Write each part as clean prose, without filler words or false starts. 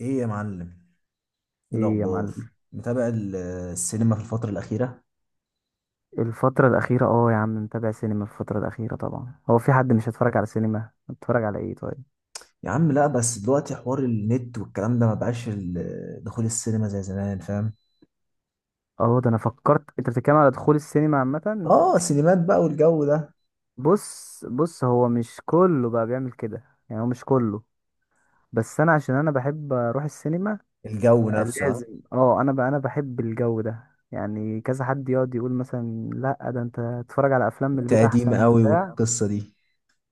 ايه يا معلم؟ ايه ايه يا الاخبار؟ معلم؟ متابع السينما في الفتره الاخيره؟ الفترة الأخيرة، يا عم، متابع سينما الفترة الأخيرة. طبعا هو في حد مش هيتفرج على سينما؟ هتتفرج على ايه؟ طيب. يا عم، لا، بس دلوقتي حوار النت والكلام ده ما بقاش دخول السينما زي زمان، فاهم؟ اه، ده انا فكرت انت بتتكلم على دخول السينما عامة. اه، سينمات بقى والجو ده. بص بص، هو مش كله بقى بيعمل كده. يعني هو مش كله. بس انا عشان انا بحب اروح السينما الجو نفسه، ها؟ لازم. اه انا بقى انا بحب الجو ده. يعني كذا حد يقعد يقول مثلا: لا ده انت تتفرج على افلام من البيت تقديم احسن قوي وبتاع، والقصه دي.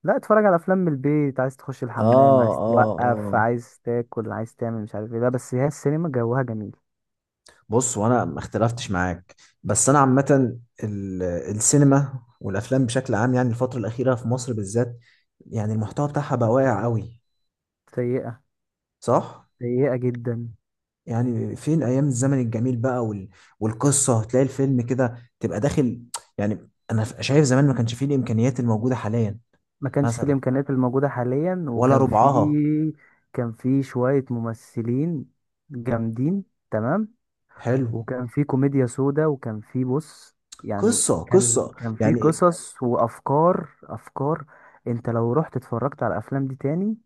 لا اتفرج على افلام من البيت، عايز تخش اه، الحمام، عايز اه، توقف، اه. عايز تاكل، عايز تعمل مش عارف ايه، لا بس هي السينما جوها جميل. بص، وانا ما اختلفتش معاك. بس انا عامه السينما والافلام بشكل عام، يعني الفتره الاخيره في مصر بالذات، يعني المحتوى بتاعها بقى واقع قوي. سيئة. صح. سيئة جدا. يعني فين ايام الزمن الجميل بقى والقصه، هتلاقي الفيلم كده تبقى داخل. يعني انا شايف زمان ما كانش فيه الامكانيات الموجوده حاليا، ما كانش في مثلا، الامكانيات الموجودة حاليا، ولا وكان في ربعها. كان في شوية ممثلين جامدين. تمام. حلو. وكان في كوميديا سودا، وكان في بص، يعني قصه كان قصه كان في يعني إيه؟ قصص وافكار افكار. انت لو رحت اتفرجت على الافلام دي تاني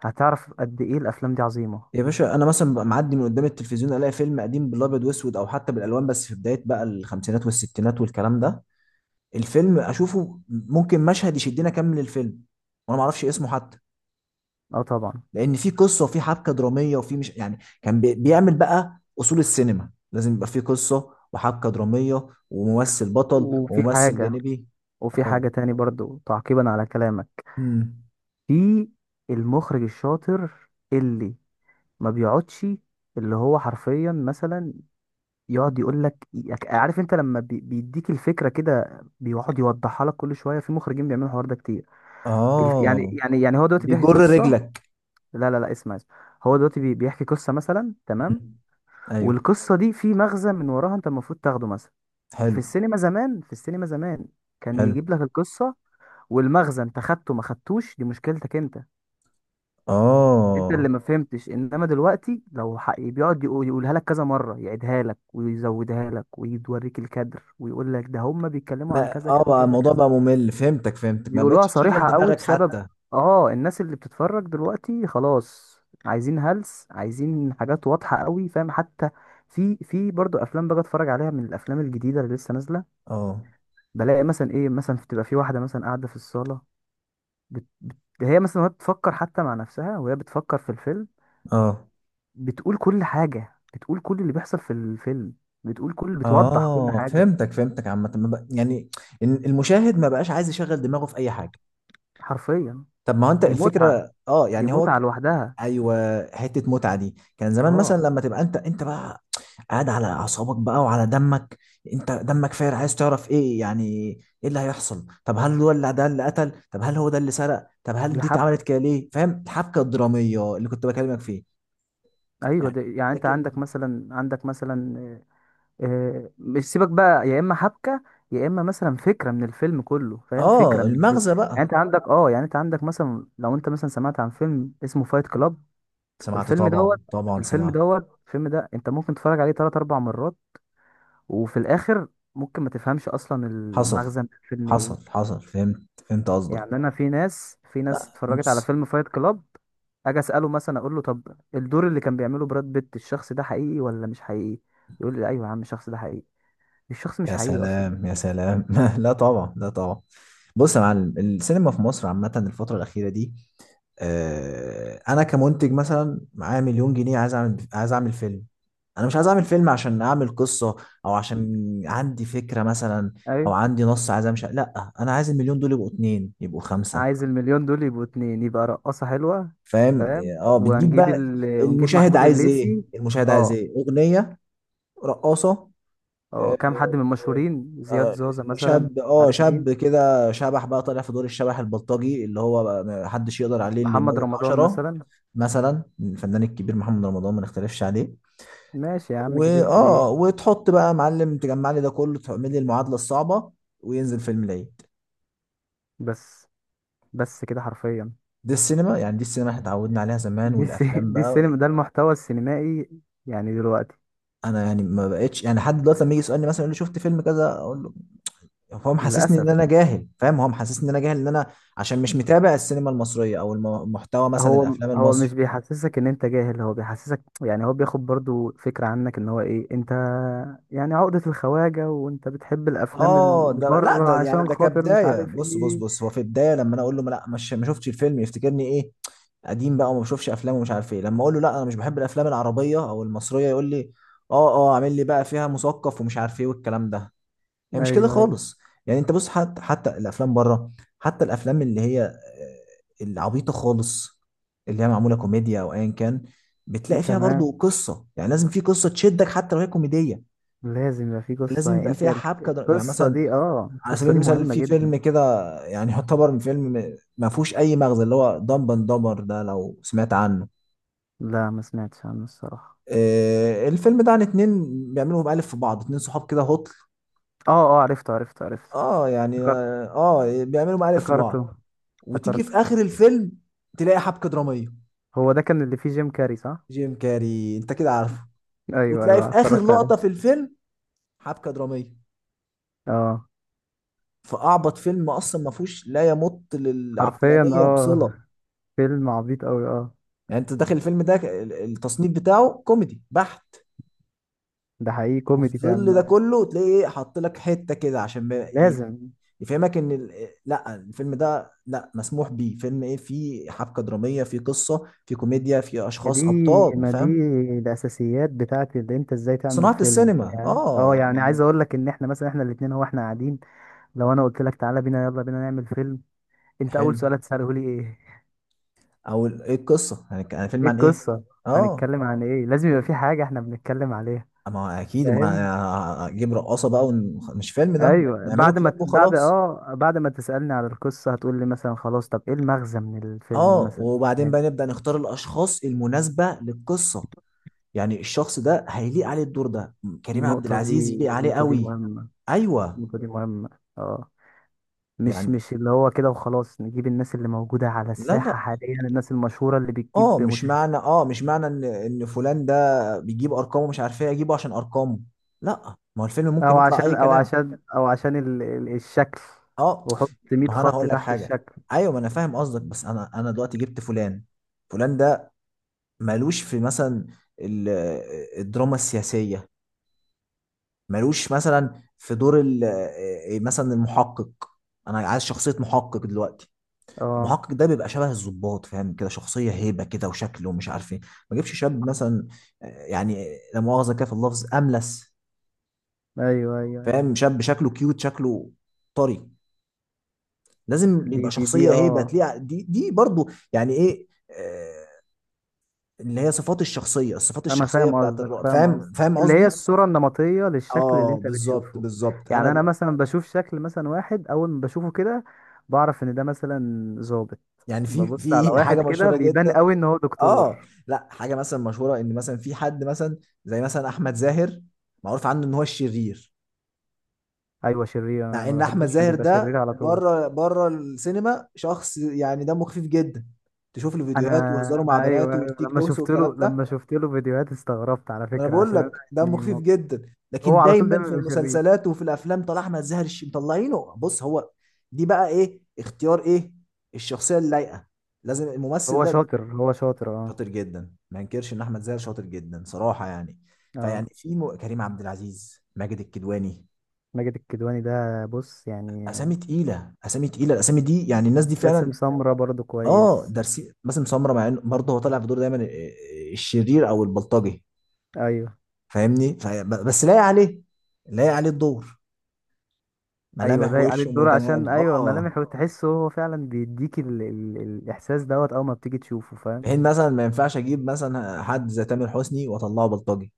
هتعرف قد ايه الافلام دي عظيمة. يا باشا، انا مثلا ببقى معدي من قدام التلفزيون، الاقي فيلم قديم بالابيض واسود او حتى بالالوان، بس في بدايه بقى الخمسينات والستينات والكلام ده، الفيلم اشوفه ممكن مشهد يشدني اكمل الفيلم، وانا ما اعرفش اسمه حتى، اه، طبعا. لان في قصه وفي حبكه دراميه، وفي مش يعني، كان بيعمل بقى اصول السينما، لازم يبقى في قصه وحبكه دراميه وممثل بطل وفي وممثل حاجة جانبي. وفي اه. حاجة تاني برضو تعقيبا على كلامك. امم في المخرج الشاطر اللي ما بيقعدش، اللي هو حرفيا مثلا يقعد يقول لك: عارف انت لما بيديك الفكرة كده بيقعد يوضحها لك كل شوية. في مخرجين بيعملوا الحوار ده كتير. الف- يعني اه. يعني يعني هو دلوقتي بيحكي بيجر قصة. رجلك. لا لا لا، اسمع اسمع، هو دلوقتي بيحكي قصة مثلا. تمام. مم. ايوه. والقصة دي في مغزى من وراها، انت المفروض تاخده مثلا. في حلو، السينما زمان في السينما زمان كان حلو، يجيب لك القصة. والمغزى انت خدته ما خدتوش، دي مشكلتك انت. انت اللي اه. ما فهمتش. انما دلوقتي لو حق بيقعد يقولها لك كذا مره، يعيدها لك ويزودها لك ويوريك الكادر ويقول لك ده هم بيتكلموا عن ما كذا كذا بقى كذا الموضوع كذا. بقى ممل، فهمتك فهمتك، ما بيقولوها بقتش تشغل صريحه قوي، دماغك بسبب حتى. اه الناس اللي بتتفرج دلوقتي خلاص. عايزين هلس، عايزين حاجات واضحه قوي، فاهم حتى. في برضو افلام باجي اتفرج عليها من الافلام الجديده اللي لسه نازله. اه، بلاقي مثلا ايه، مثلا بتبقى في واحده مثلا قاعده في الصاله، بت... بت... هي مثلا، وهي بتفكر حتى مع نفسها، وهي بتفكر في الفيلم، اه، بتقول كل حاجة، بتقول كل اللي بيحصل في الفيلم، بتقول كل بتوضح كل اه، حاجة فهمتك فهمتك عامة، ما بق- يعني إن المشاهد ما بقاش عايز يشغل دماغه في اي حاجة. حرفيا. طب ما هو انت دي متعة، الفكره، اه، دي يعني هو متعة لوحدها. ايوه، حته متعه دي كان زمان، مثلا اه، لما تبقى انت بقى قاعد على اعصابك بقى وعلى دمك، انت دمك فاير عايز تعرف ايه، يعني ايه اللي هيحصل؟ طب هل هو اللي ده اللي قتل؟ طب هل هو ده اللي سرق؟ طب هل دي دي حبكة. اتعملت كده ليه؟ فاهم الحبكه الدراميه اللي كنت بكلمك فيه؟ ايوه، يعني. دي يعني انت لكن، عندك مثلا مش، سيبك بقى، يا اما حبكة، يا اما مثلا فكرة من الفيلم كله، فاهم؟ فكرة اه، من الفيلم. المغزى يعني بقى. انت عندك مثلا لو انت مثلا سمعت عن فيلم اسمه فايت كلاب. سمعت، الفيلم طبعا، دوت طبعا الفيلم سمعت. دوت الفيلم ده انت ممكن تتفرج عليه تلات اربع مرات، وفي الاخر ممكن ما تفهمش اصلا حصل، المغزى من الفيلم حصل، ايه. حصل، فهمت، فهمت قصدك. يعني انا في ناس لا، اتفرجت على بص. فيلم فايت كلاب. اجي اساله مثلا، اقول له: طب الدور اللي كان بيعمله براد بيت، الشخص ده حقيقي ولا مش حقيقي؟ يقول لي: ايوه يا عم الشخص ده حقيقي. الشخص مش يا حقيقي اصلا. سلام، يا سلام. لا طبعا، لا طبعا. بص يا معلم، السينما في مصر عامة الفترة الأخيرة دي، أنا كمنتج مثلا معايا مليون جنيه عايز أعمل فيلم. أنا مش عايز أعمل فيلم عشان أعمل قصة، أو عشان عندي فكرة مثلا، أو ايوه، عندي نص عايز أمشي، لا، أنا عايز المليون دول يبقوا اتنين، يبقوا خمسة، عايز المليون دول يبقوا اتنين، يبقى رقاصة حلوة. فاهم؟ فاهم. أه، بتجيب وهنجيب بقى. ونجيب المشاهد محمود عايز إيه؟ الليثي. المشاهد عايز اه. إيه؟ أغنية، رقاصة. اه، آه، كام حد من المشهورين، زياد آه، زوزة مثلا. شاب، عارف شاب مين؟ كده شبح بقى طالع في دور الشبح البلطجي اللي هو بقى ما حدش يقدر عليه، اللي محمد يموت رمضان 10. مثلا. مثلا الفنان الكبير محمد رمضان، ما نختلفش عليه. ماشي يا عم، كبير كبير. واه وتحط بقى يا معلم، تجمع لي ده كله، تعمل لي المعادلة الصعبة، وينزل فيلم العيد. بس بس كده حرفيا. دي السينما، يعني دي السينما احنا اتعودنا عليها زمان، دي الس... والافلام دي بقى، السينما، ده المحتوى السينمائي يعني دلوقتي. انا يعني ما بقتش، يعني حد دلوقتي لما يجي يسألني مثلا يقول لي شفت فيلم كذا، اقول له، يعني هو محسسني للأسف. ان انا جاهل، فاهم؟ هو محسسني ان انا جاهل، ان انا عشان مش متابع السينما المصريه او محتوى مثلا هو الافلام هو المصري. مش بيحسسك ان انت جاهل، هو بيحسسك يعني هو بياخد برضو فكرة عنك ان هو ايه انت. يعني عقدة الخواجة، وانت بتحب الافلام اه، اللي ده لا، بره ده يعني عشان ده خاطر مش كبدايه، عارف بص بص ايه. بص، هو في البدايه لما انا اقول له لا، مش ما شفتش الفيلم، يفتكرني ايه، قديم بقى وما بشوفش افلام ومش عارف ايه، لما اقول له لا انا مش بحب الافلام العربيه او المصريه، يقول لي اه، اه، عامل لي بقى فيها مثقف ومش عارف ايه والكلام ده. هي مش كده ايوه، ايوه، خالص. يعني انت بص، حتى الافلام بره، حتى الافلام اللي هي العبيطه خالص، اللي هي معموله كوميديا او ايا كان، بتلاقي فيها برضو تمام. قصه، يعني لازم في قصه تشدك حتى لو هي كوميديه. لازم يبقى في قصة لازم يعني يبقى انت. فيها يعني مثلا، على سبيل القصة دي المثال مهمة في جدا. فيلم كده، يعني يعتبر من فيلم ما فيهوش اي مغزى، اللي هو دمب اند دمبر، ده لو سمعت عنه. لا، ما سمعتش عنه الصراحة. الفيلم ده عن اتنين بيعملوا مقالب في بعض، اتنين صحاب كده هطل. اه، اه، عرفته عرفته عرفته. اه، يعني، افتكرت- اه. بيعملوا مقالب في بعض، افتكرته وتيجي افتكرته. في اخر الفيلم تلاقي حبكه دراميه. هو ده كان اللي فيه جيم كاري صح؟ جيم كاري، انت كده عارفه. ايوه وتلاقي في ايوه، اخر اتفرجت عليه. لقطه في الفيلم حبكه دراميه، اه. فاعبط فيلم اصلا ما فيهوش لا يمت حرفيا للعقلانيه بصله. فيلم عبيط قوي يعني انت داخل الفيلم ده، التصنيف بتاعه كوميدي بحت، ده حقيقي كوميدي وفي ظل ده فعلا. كله تلاقي ايه؟ حاط لك حته كده عشان ما- ايه لازم. يفهمك ان ال- إيه، لا الفيلم ده، لا، مسموح بيه فيلم، ايه، فيه حبكه دراميه، فيه قصه، فيه كوميديا، فيه ما دي، اشخاص ابطال، ما دي فاهم؟ الاساسيات بتاعت اللي انت ازاي تعمل صناعه فيلم. السينما، يعني اه يعني. عايز اقول لك ان احنا مثلا احنا الاتنين، هو احنا قاعدين. لو انا قلت لك: تعالى بينا، يلا بينا نعمل فيلم، انت اول حلو. سؤال هتساله لي ايه؟ او ايه القصه يعني يعني فيلم ايه عن ايه؟ القصه؟ اه، هنتكلم عن ايه؟ لازم يبقى في فيلم. حاجه احنا بنتكلم عليها. ما هو اكيد فاهم. ما اجيب رقاصه بقى مش فيلم، ده ايوه، نعمله كليب وخلاص. بعد ما تسالني على القصه هتقول لي مثلا: خلاص، طب ايه المغزى من الفيلم اه مثلا؟ وبعدين فاهم؟ بقى نبدا نختار الاشخاص المناسبه للقصه، يعني الشخص ده هيليق عليه الدور ده، كريم عبد النقطه دي العزيز يليق عليه النقطه دي قوي. مهمه. ايوه، النقطه دي مهمه. اه. مش يعني. مش اللي هو كده وخلاص نجيب الناس اللي موجوده على لا، الساحه لا. حاليا، الناس المشهوره اللي اه بتجيب مش مشاهدات. معنى اه مش معنى ان فلان ده بيجيب ارقامه مش عارف ايه، اجيبه عشان ارقامه. لا، ما هو الفيلم ممكن او يطلع اي عشان او كلام. عشان او عشان الشكل، اه، وحط 100 ما هو انا خط هقول لك تحت حاجه. الشكل. ايوه، ما انا فاهم قصدك، بس انا دلوقتي جبت فلان، فلان ده مالوش في مثلا ال- الدراما السياسيه، مالوش مثلا في دور مثلا المحقق. انا عايز شخصيه محقق دلوقتي، اه. المحقق ده بيبقى شبه الضباط، فاهم؟ كده شخصيه هيبه كده وشكله، ومش عارف ايه. ما جيبش شاب مثلا، يعني، لا مؤاخذه كده في اللفظ، املس، ايوه ايوه ايوه. فاهم؟ شاب شكله كيوت، شكله طري، لازم دي يبقى دي دي شخصيه اه هيبه تليق، دي برضو يعني ايه، اللي هي صفات الشخصيه، الصفات انا الشخصيه فاهم بتاعت قصدك، الرائد، فاهم فاهم، قصدك، فاهم اللي هي قصدي. الصورة النمطية للشكل اللي اه، انت بالظبط، بتشوفه. بالظبط، انا يعني انا مثلا بشوف شكل مثلا واحد، اول ما بشوفه كده بعرف ان ده مثلا ظابط. يعني، في ببص على في واحد حاجه كده مشهوره بيبان جدا. قوي ان هو اه. دكتور. لا، حاجه مثلا مشهوره ان مثلا في حد مثلا زي مثلا احمد زاهر، معروف عنه ان هو الشرير، ايوه، شرير. انا مع ما ان احمد بحبوش عشان زاهر بيبقى شرير ده على طول. بره بره السينما شخص يعني دمه خفيف جدا، تشوف له انا فيديوهات وهزاره مع انا ايوه، بناته أيوة، والتيك لما توكس شفت له والكلام ده. لما شفت له فيديوهات استغربت على ما انا فكرة، بقول عشان انا لك دمه يعني خفيف جدا، هو لكن على طول دايما دايما في بيبقى شرير. المسلسلات وفي الافلام طلع احمد زاهر مطلعينه، بص هو، دي بقى ايه؟ اختيار ايه الشخصيه اللايقه. لازم هو الممثل ده شاطر، هو شاطر، اه. شاطر جدا، ما انكرش ان احمد زاهر شاطر جدا صراحه، يعني. فيعني اه. كريم عبد العزيز، ماجد الكدواني، ماجد الكدواني ده بص يعني. اسامي تقيله، اسامي تقيله الاسامي دي، يعني الناس دي فعلا. باسم سمرة برضو اه، كويس. درسي، باسم سمره، مع انه برضه هو طالع في دور دايما الشرير او البلطجي، ايوه، فاهمني؟ بس لايق عليه، لايق عليه الدور، ايوه، ملامح ضايق عليه وشه الدور عشان متناغم، ايوه اه. ملامح، وتحسه هو فعلا بيديك الاحساس دوت اول ما بتيجي تشوفه فاهم. بحين مثلا ما ينفعش اجيب مثلا حد زي تامر حسني واطلعه بلطجي،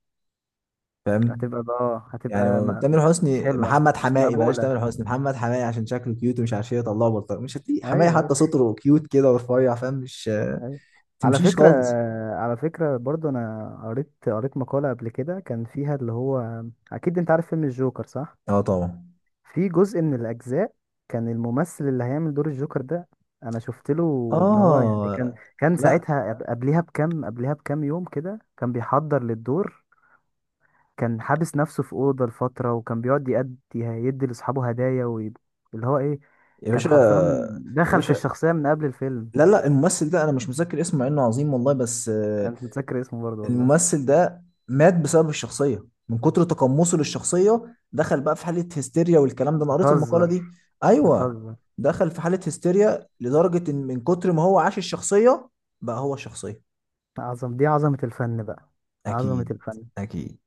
فاهم؟ هتبقى يعني تامر يعني مش حسني، حلوه، محمد مش حماقي، بلاش مقبوله. تامر حسني، محمد حماقي، عشان شكله كيوت ومش عارف ايه يطلعه بلطجي، مش هتلاقي حماقي ايوه ايوه حتى صوته كيوت كده ورفيع، فاهم؟ مش ايوه، على تمشيش فكره، خالص. برضو انا قريت مقاله قبل كده كان فيها اللي هو، اكيد انت عارف فيلم الجوكر صح؟ اه طبعا، في جزء من الأجزاء، كان الممثل اللي هيعمل دور الجوكر ده، أنا شفت له إن هو يعني اه. كان لا ساعتها قبلها بكام يوم كده كان بيحضر للدور. كان حابس نفسه في أوضة لفترة، وكان بيقعد يدي لأصحابه هدايا اللي هو إيه، يا كان باشا، حرفيا يا دخل في باشا، الشخصية من قبل الفيلم. لا، لا، الممثل ده انا مش متذكر اسمه، مع انه عظيم والله، بس أنا مش متذكر اسمه برضه والله. الممثل ده مات بسبب الشخصية، من كتر تقمصه للشخصية دخل بقى في حالة هستيريا، والكلام ده انا قريت المقالة بتهزر، دي. ايوه، بتهزر. دخل في حالة هستيريا لدرجة ان من كتر ما هو عاش الشخصية بقى هو الشخصية. دي عظمة الفن بقى. عظمة اكيد، الفن. اكيد.